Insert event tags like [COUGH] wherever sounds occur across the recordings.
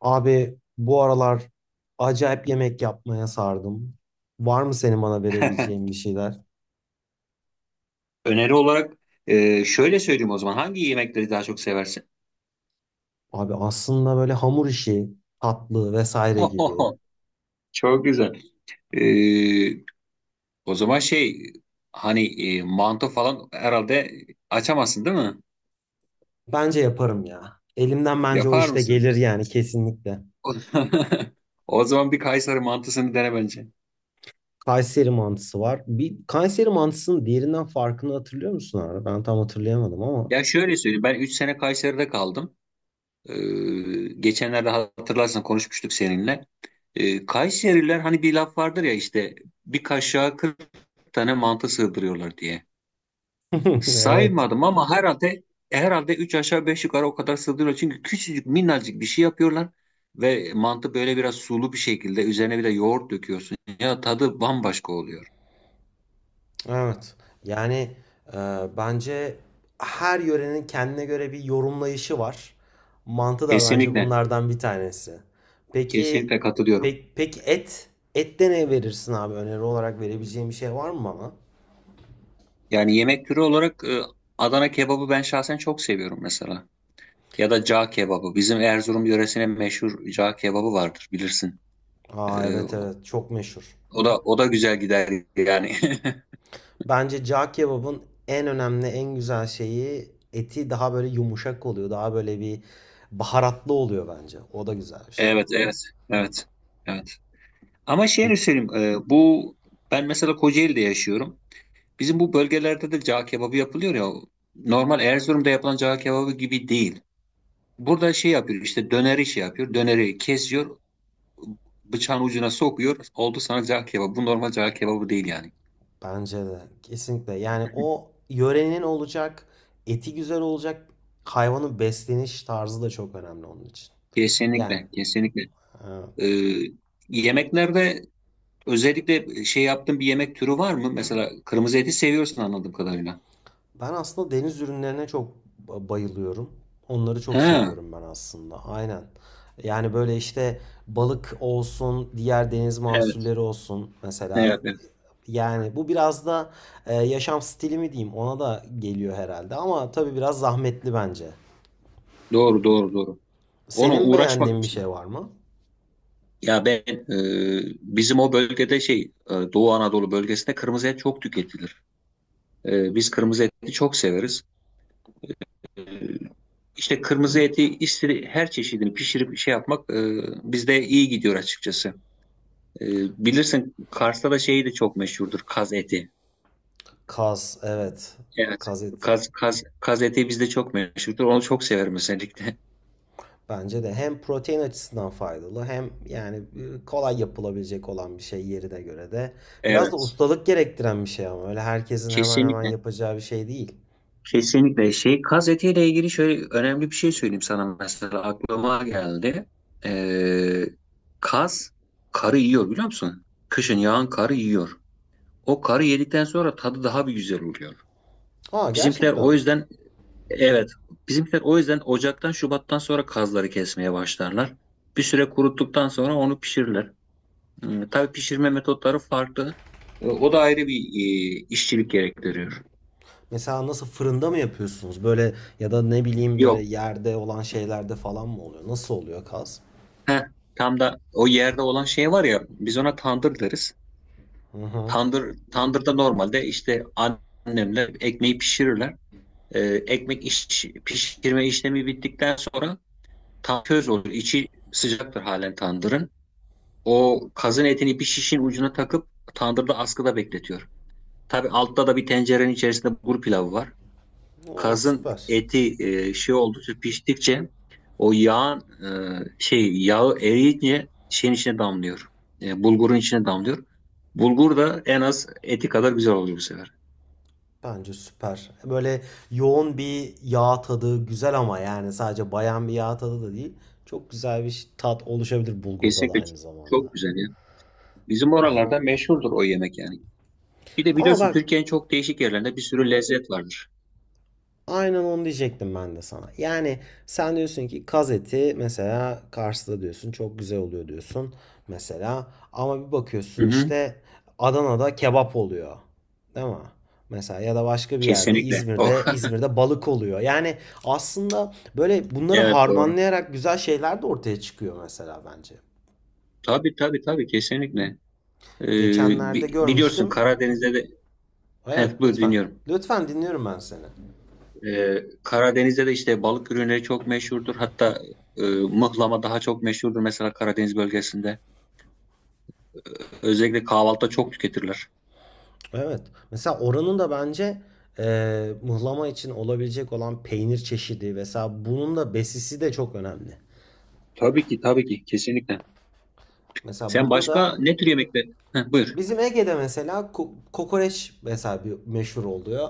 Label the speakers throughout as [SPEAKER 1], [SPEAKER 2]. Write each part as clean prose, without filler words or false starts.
[SPEAKER 1] Abi bu aralar acayip yemek yapmaya sardım. Var mı senin bana verebileceğin bir şeyler?
[SPEAKER 2] Öneri olarak şöyle söyleyeyim o zaman. Hangi yemekleri daha çok seversin?
[SPEAKER 1] Abi aslında böyle hamur işi, tatlı vesaire gibi.
[SPEAKER 2] [LAUGHS] Çok güzel. E, o zaman şey hani e, Mantı falan herhalde açamazsın değil mi?
[SPEAKER 1] Bence yaparım ya. Elimden bence o
[SPEAKER 2] Yapar
[SPEAKER 1] işte
[SPEAKER 2] mısın?
[SPEAKER 1] gelir yani kesinlikle.
[SPEAKER 2] [LAUGHS] O zaman bir Kayseri mantısını dene bence.
[SPEAKER 1] Kayseri mantısı var. Bir Kayseri mantısının diğerinden farkını hatırlıyor musun abi? Ben tam hatırlayamadım ama.
[SPEAKER 2] Ya şöyle söyleyeyim. Ben 3 sene Kayseri'de kaldım. E, Geçenlerde hatırlarsan konuşmuştuk seninle. Kayseriler hani bir laf vardır ya, işte bir kaşığa 40 tane mantı sığdırıyorlar diye.
[SPEAKER 1] [LAUGHS] Evet.
[SPEAKER 2] Saymadım ama herhalde 3 aşağı 5 yukarı o kadar sığdırıyor. Çünkü küçücük minnacık bir şey yapıyorlar ve mantı böyle biraz sulu bir şekilde, üzerine bir de yoğurt döküyorsun. Ya tadı bambaşka oluyor.
[SPEAKER 1] Evet. Yani e, bence her yörenin kendine göre bir yorumlayışı var. Mantı da bence
[SPEAKER 2] Kesinlikle.
[SPEAKER 1] bunlardan bir tanesi. Peki
[SPEAKER 2] Kesinlikle katılıyorum.
[SPEAKER 1] peki et ette ne verirsin abi? Öneri olarak verebileceğim bir şey var mı bana?
[SPEAKER 2] Yani yemek türü olarak Adana kebabı ben şahsen çok seviyorum mesela. Ya da cağ kebabı. Bizim Erzurum yöresine meşhur cağ kebabı vardır bilirsin.
[SPEAKER 1] Aa
[SPEAKER 2] E,
[SPEAKER 1] evet, evet, çok meşhur.
[SPEAKER 2] o da güzel gider yani. [LAUGHS]
[SPEAKER 1] Bence cağ kebabın en önemli en güzel şeyi eti daha böyle yumuşak oluyor. Daha böyle bir baharatlı oluyor bence. O da güzel bir şey.
[SPEAKER 2] Evet, evet, evet. Evet. Ama şeyini
[SPEAKER 1] Peki.
[SPEAKER 2] söyleyeyim. E, bu Ben mesela Kocaeli'de yaşıyorum. Bizim bu bölgelerde de cağ kebabı yapılıyor ya. Normal Erzurum'da yapılan cağ kebabı gibi değil. Burada şey yapıyor, işte döneri şey yapıyor. Döneri kesiyor. Bıçağın ucuna sokuyor. Oldu sana cağ kebabı. Bu normal cağ kebabı değil yani.
[SPEAKER 1] Bence de kesinlikle. Yani o yörenin olacak, eti güzel olacak, hayvanın besleniş tarzı da çok önemli onun için. Yani
[SPEAKER 2] Kesinlikle. Kesinlikle.
[SPEAKER 1] e,
[SPEAKER 2] E, Yemeklerde özellikle şey yaptığın bir yemek türü var mı? Mesela kırmızı eti seviyorsun anladığım kadarıyla.
[SPEAKER 1] ben aslında deniz ürünlerine çok bayılıyorum. Onları çok
[SPEAKER 2] Ha,
[SPEAKER 1] seviyorum ben aslında. Aynen. Yani böyle işte balık olsun, diğer deniz
[SPEAKER 2] evet.
[SPEAKER 1] mahsulleri olsun. Mesela
[SPEAKER 2] Evet, evet.
[SPEAKER 1] yani bu biraz da yaşam stili mi diyeyim ona da geliyor herhalde. Ama tabii biraz zahmetli bence.
[SPEAKER 2] Doğru, doğru, doğru. Ona
[SPEAKER 1] Senin
[SPEAKER 2] uğraşmak.
[SPEAKER 1] beğendiğin bir şey var mı?
[SPEAKER 2] Ya ben, e, bizim o bölgede şey, Doğu Anadolu bölgesinde kırmızı et çok tüketilir. Biz kırmızı eti çok severiz. E, işte kırmızı eti her çeşidini pişirip şey yapmak, bizde iyi gidiyor açıkçası. E, Bilirsin Kars'ta da şey de çok meşhurdur, kaz eti.
[SPEAKER 1] Kaz, evet.
[SPEAKER 2] Evet.
[SPEAKER 1] Kaz eti.
[SPEAKER 2] Kaz eti bizde çok meşhurdur. Onu çok severim özellikle.
[SPEAKER 1] Bence de hem protein açısından faydalı hem yani kolay yapılabilecek olan bir şey yerine göre de.
[SPEAKER 2] [LAUGHS]
[SPEAKER 1] Biraz da
[SPEAKER 2] Evet.
[SPEAKER 1] ustalık gerektiren bir şey ama öyle herkesin hemen hemen
[SPEAKER 2] Kesinlikle.
[SPEAKER 1] yapacağı bir şey değil.
[SPEAKER 2] Kesinlikle şey, kaz etiyle ilgili şöyle önemli bir şey söyleyeyim sana, mesela aklıma geldi. Ee, Kaz karı yiyor, biliyor musun? Kışın yağan karı yiyor. O karı yedikten sonra tadı daha bir güzel oluyor.
[SPEAKER 1] Aa
[SPEAKER 2] Bizimkiler
[SPEAKER 1] gerçekten
[SPEAKER 2] o
[SPEAKER 1] mi?
[SPEAKER 2] yüzden, evet, bizimkiler o yüzden Ocak'tan Şubat'tan sonra kazları kesmeye başlarlar. Bir süre kuruttuktan sonra onu pişirirler. Hmm, tabii pişirme metotları farklı. O da ayrı bir işçilik gerektiriyor.
[SPEAKER 1] Mesela nasıl fırında mı yapıyorsunuz? Böyle ya da ne bileyim böyle
[SPEAKER 2] Yok.
[SPEAKER 1] yerde olan şeylerde falan mı oluyor? Nasıl oluyor kaz?
[SPEAKER 2] Heh, tam da o yerde olan şey var ya, biz ona tandır deriz.
[SPEAKER 1] Hı hı.
[SPEAKER 2] Tandır, tandırda normalde işte annemler ekmeği pişirirler. Ee, Pişirme işlemi bittikten sonra tam köz olur. İçi sıcaktır halen tandırın. O kazın etini bir şişin ucuna takıp tandırda askıda bekletiyor. Tabii altta da bir tencerenin içerisinde bulgur pilavı var.
[SPEAKER 1] Oo
[SPEAKER 2] Kazın
[SPEAKER 1] süper.
[SPEAKER 2] eti oldukça piştikçe o yağ, yağı eriyince şeyin içine damlıyor. Bulgurun içine damlıyor. Bulgur da en az eti kadar güzel oluyor bu sefer.
[SPEAKER 1] Bence süper. Böyle yoğun bir yağ tadı güzel ama yani sadece bayan bir yağ tadı da değil. Çok güzel bir tat oluşabilir bulgurda da
[SPEAKER 2] Kesinlikle
[SPEAKER 1] aynı zamanda.
[SPEAKER 2] çok güzel ya. Bizim
[SPEAKER 1] Ben.
[SPEAKER 2] oralarda meşhurdur o yemek yani. Bir de
[SPEAKER 1] Ama
[SPEAKER 2] biliyorsun
[SPEAKER 1] bak,
[SPEAKER 2] Türkiye'nin çok değişik yerlerinde bir sürü lezzet vardır.
[SPEAKER 1] aynen onu diyecektim ben de sana. Yani sen diyorsun ki kaz eti mesela Kars'ta diyorsun çok güzel oluyor diyorsun mesela, ama bir bakıyorsun
[SPEAKER 2] Hı hı,
[SPEAKER 1] işte Adana'da kebap oluyor. Değil mi? Mesela ya da başka bir yerde
[SPEAKER 2] kesinlikle. Oh.
[SPEAKER 1] İzmir'de,
[SPEAKER 2] [LAUGHS]
[SPEAKER 1] İzmir'de balık oluyor. Yani aslında böyle bunları
[SPEAKER 2] Evet, doğru.
[SPEAKER 1] harmanlayarak güzel şeyler de ortaya çıkıyor mesela bence.
[SPEAKER 2] Tabii, tabii, tabii, kesinlikle. E,
[SPEAKER 1] Geçenlerde
[SPEAKER 2] Biliyorsun
[SPEAKER 1] görmüştüm.
[SPEAKER 2] Karadeniz'de de,
[SPEAKER 1] Evet,
[SPEAKER 2] hep buyur
[SPEAKER 1] lütfen.
[SPEAKER 2] dinliyorum.
[SPEAKER 1] Lütfen dinliyorum ben seni.
[SPEAKER 2] Karadeniz'de de işte balık ürünleri çok meşhurdur. Hatta mıhlama daha çok meşhurdur mesela Karadeniz bölgesinde. Özellikle kahvaltıda çok tüketirler.
[SPEAKER 1] Evet. Mesela oranın da bence mıhlama için olabilecek olan peynir çeşidi. Mesela bunun da besisi de çok önemli.
[SPEAKER 2] Tabii ki, tabii ki, kesinlikle.
[SPEAKER 1] Mesela
[SPEAKER 2] Sen
[SPEAKER 1] burada
[SPEAKER 2] başka
[SPEAKER 1] da
[SPEAKER 2] ne tür yemekler? Heh, buyur.
[SPEAKER 1] bizim Ege'de mesela kokoreç mesela bir meşhur oluyor.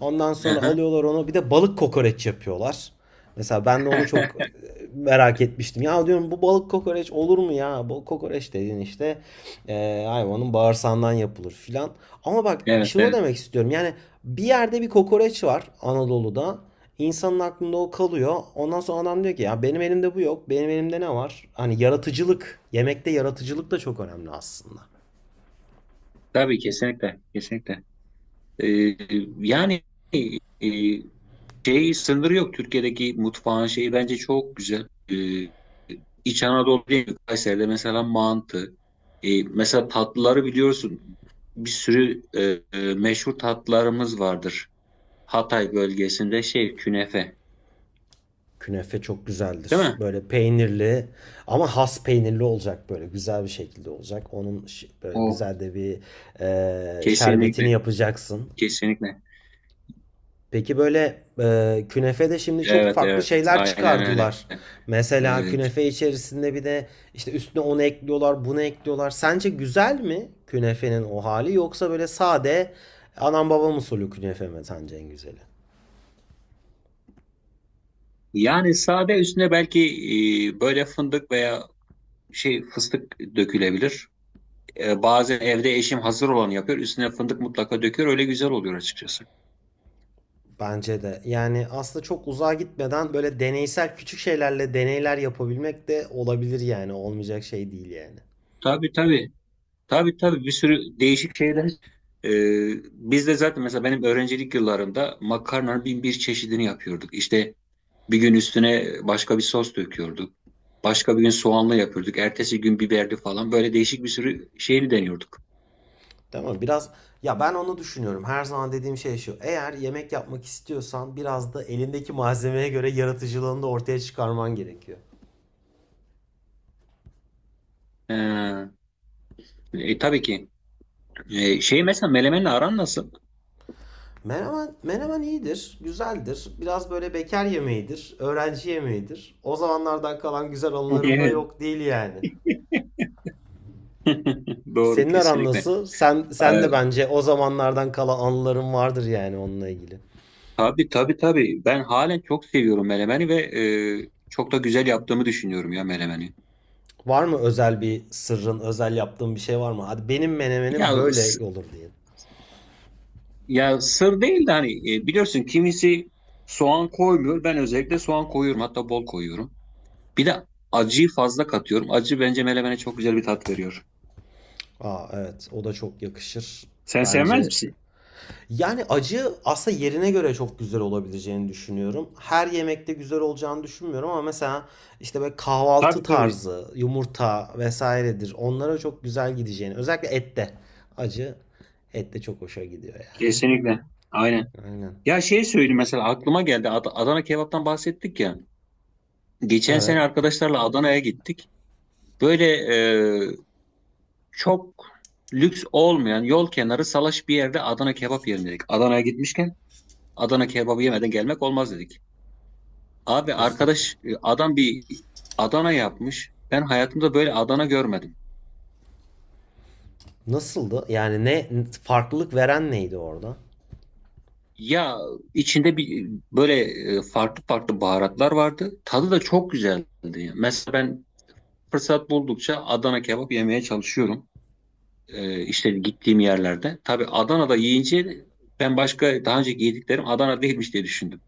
[SPEAKER 1] Ondan
[SPEAKER 2] Hı
[SPEAKER 1] sonra
[SPEAKER 2] hı.
[SPEAKER 1] alıyorlar onu bir de balık kokoreç yapıyorlar. Mesela ben de onu çok
[SPEAKER 2] [LAUGHS]
[SPEAKER 1] merak etmiştim. Ya diyorum bu balık kokoreç olur mu ya? Balık kokoreç dediğin işte hayvanın bağırsağından yapılır filan. Ama bak
[SPEAKER 2] Evet,
[SPEAKER 1] şunu
[SPEAKER 2] evet.
[SPEAKER 1] demek istiyorum. Yani bir yerde bir kokoreç var Anadolu'da. İnsanın aklında o kalıyor. Ondan sonra adam diyor ki ya benim elimde bu yok. Benim elimde ne var? Hani yaratıcılık. Yemekte yaratıcılık da çok önemli aslında.
[SPEAKER 2] Tabii, kesinlikle, kesinlikle. Ee, yani e, Şey sınırı yok, Türkiye'deki mutfağın şeyi bence çok güzel. İç Anadolu değil mi? Kayseri'de mesela mantı. Mesela tatlıları biliyorsun. Bir sürü meşhur tatlılarımız vardır. Hatay bölgesinde şey, künefe.
[SPEAKER 1] Künefe çok
[SPEAKER 2] Değil
[SPEAKER 1] güzeldir.
[SPEAKER 2] mi?
[SPEAKER 1] Böyle peynirli ama has peynirli olacak, böyle güzel bir şekilde olacak. Onun böyle
[SPEAKER 2] Oh.
[SPEAKER 1] güzel de bir şerbetini
[SPEAKER 2] Kesinlikle.
[SPEAKER 1] yapacaksın.
[SPEAKER 2] Kesinlikle.
[SPEAKER 1] Peki böyle künefede şimdi çok
[SPEAKER 2] Evet,
[SPEAKER 1] farklı
[SPEAKER 2] evet.
[SPEAKER 1] şeyler
[SPEAKER 2] Aynen öyle.
[SPEAKER 1] çıkardılar. Mesela
[SPEAKER 2] Ee,
[SPEAKER 1] künefe içerisinde bir de işte üstüne onu ekliyorlar, bunu ekliyorlar. Sence güzel mi künefenin o hali, yoksa böyle sade anam babam usulü künefe mi sence en güzeli?
[SPEAKER 2] Yani sade, üstüne belki böyle fındık veya şey, fıstık dökülebilir. Bazen evde eşim hazır olanı yapıyor. Üstüne fındık mutlaka döküyor. Öyle güzel oluyor açıkçası.
[SPEAKER 1] Bence de. Yani aslında çok uzağa gitmeden böyle deneysel küçük şeylerle deneyler yapabilmek de olabilir yani. Olmayacak şey değil yani.
[SPEAKER 2] Tabii, tabii. Tabii, tabii, bir sürü değişik şeyler. E, Biz de zaten mesela benim öğrencilik yıllarımda makarnanın bin bir çeşidini yapıyorduk. İşte bir gün üstüne başka bir sos döküyorduk. Başka bir gün soğanlı yapıyorduk. Ertesi gün biberli falan. Böyle değişik bir sürü şeyini deniyorduk.
[SPEAKER 1] Değil mi? Biraz, ya ben onu düşünüyorum. Her zaman dediğim şey şu: eğer yemek yapmak istiyorsan biraz da elindeki malzemeye göre yaratıcılığını da ortaya çıkarman gerekiyor.
[SPEAKER 2] E, tabii ki. Şey, mesela melemenle aran nasıl? [LAUGHS]
[SPEAKER 1] Menemen, menemen iyidir, güzeldir. Biraz böyle bekar yemeğidir, öğrenci yemeğidir. O zamanlardan kalan güzel anılarım da
[SPEAKER 2] Evet.
[SPEAKER 1] yok değil yani.
[SPEAKER 2] [LAUGHS] Doğru,
[SPEAKER 1] Senin aran
[SPEAKER 2] kesinlikle.
[SPEAKER 1] nasıl? Sen
[SPEAKER 2] Ee,
[SPEAKER 1] de bence o zamanlardan kala anıların vardır yani onunla ilgili.
[SPEAKER 2] Tabii, tabii, tabii. Ben halen çok seviyorum melemeni ve çok da güzel yaptığımı düşünüyorum ya melemeni.
[SPEAKER 1] Var mı özel bir sırrın, özel yaptığın bir şey var mı? Hadi benim
[SPEAKER 2] Ya
[SPEAKER 1] menemenim böyle
[SPEAKER 2] s-
[SPEAKER 1] olur diye.
[SPEAKER 2] Ya sır değil de hani, biliyorsun kimisi soğan koymuyor. Ben özellikle soğan koyuyorum. Hatta bol koyuyorum. Bir de acıyı fazla katıyorum. Acı bence melemene çok güzel bir tat veriyor.
[SPEAKER 1] Aa evet, o da çok yakışır
[SPEAKER 2] Sen sevmez
[SPEAKER 1] bence.
[SPEAKER 2] misin?
[SPEAKER 1] Yani acı aslında yerine göre çok güzel olabileceğini düşünüyorum. Her yemekte güzel olacağını düşünmüyorum ama mesela işte böyle kahvaltı
[SPEAKER 2] Tabii, tabii.
[SPEAKER 1] tarzı, yumurta vesairedir. Onlara çok güzel gideceğini. Özellikle ette. Acı ette çok hoşa gidiyor yani.
[SPEAKER 2] Kesinlikle. Aynen.
[SPEAKER 1] Aynen.
[SPEAKER 2] Ya şey söyleyeyim, mesela aklıma geldi. Adana kebaptan bahsettik ya. Geçen sene
[SPEAKER 1] Evet.
[SPEAKER 2] arkadaşlarla Adana'ya gittik. Böyle çok lüks olmayan, yol kenarı salaş bir yerde Adana kebap yiyelim dedik. Adana'ya gitmişken Adana kebabı yemeden gelmek olmaz dedik. Abi
[SPEAKER 1] Kesinlikle.
[SPEAKER 2] arkadaş, adam bir Adana yapmış. Ben hayatımda böyle Adana görmedim.
[SPEAKER 1] Nasıldı? Yani ne farklılık veren neydi orada?
[SPEAKER 2] Ya içinde bir böyle farklı farklı baharatlar vardı. Tadı da çok güzeldi. Mesela ben fırsat buldukça Adana kebap yemeye çalışıyorum. İşte gittiğim yerlerde. Tabii Adana'da yiyince ben başka daha önce yediklerim Adana değilmiş diye düşündüm.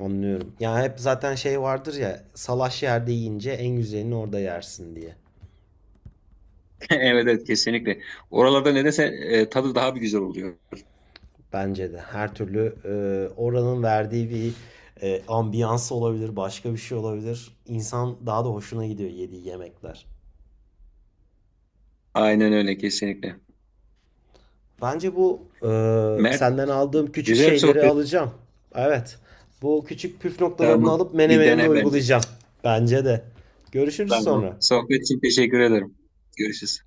[SPEAKER 1] Anlıyorum. Yani hep zaten şey vardır ya, salaş yerde yiyince en güzelini orada yersin diye.
[SPEAKER 2] [LAUGHS] Evet, evet, kesinlikle. Oralarda nedense tadı daha bir güzel oluyor.
[SPEAKER 1] Bence de. Her türlü oranın verdiği bir ambiyans olabilir, başka bir şey olabilir. İnsan daha da hoşuna gidiyor yediği yemekler.
[SPEAKER 2] Aynen öyle, kesinlikle.
[SPEAKER 1] Bence bu
[SPEAKER 2] Mert,
[SPEAKER 1] senden aldığım küçük
[SPEAKER 2] güzel bir
[SPEAKER 1] şeyleri
[SPEAKER 2] sohbet.
[SPEAKER 1] alacağım. Evet. Bu küçük püf noktalarını
[SPEAKER 2] Tamam.
[SPEAKER 1] alıp
[SPEAKER 2] Bir
[SPEAKER 1] menemenimde
[SPEAKER 2] dene bence.
[SPEAKER 1] uygulayacağım. Bence de. Görüşürüz
[SPEAKER 2] Tamam.
[SPEAKER 1] sonra.
[SPEAKER 2] Sohbet için teşekkür ederim. Görüşürüz.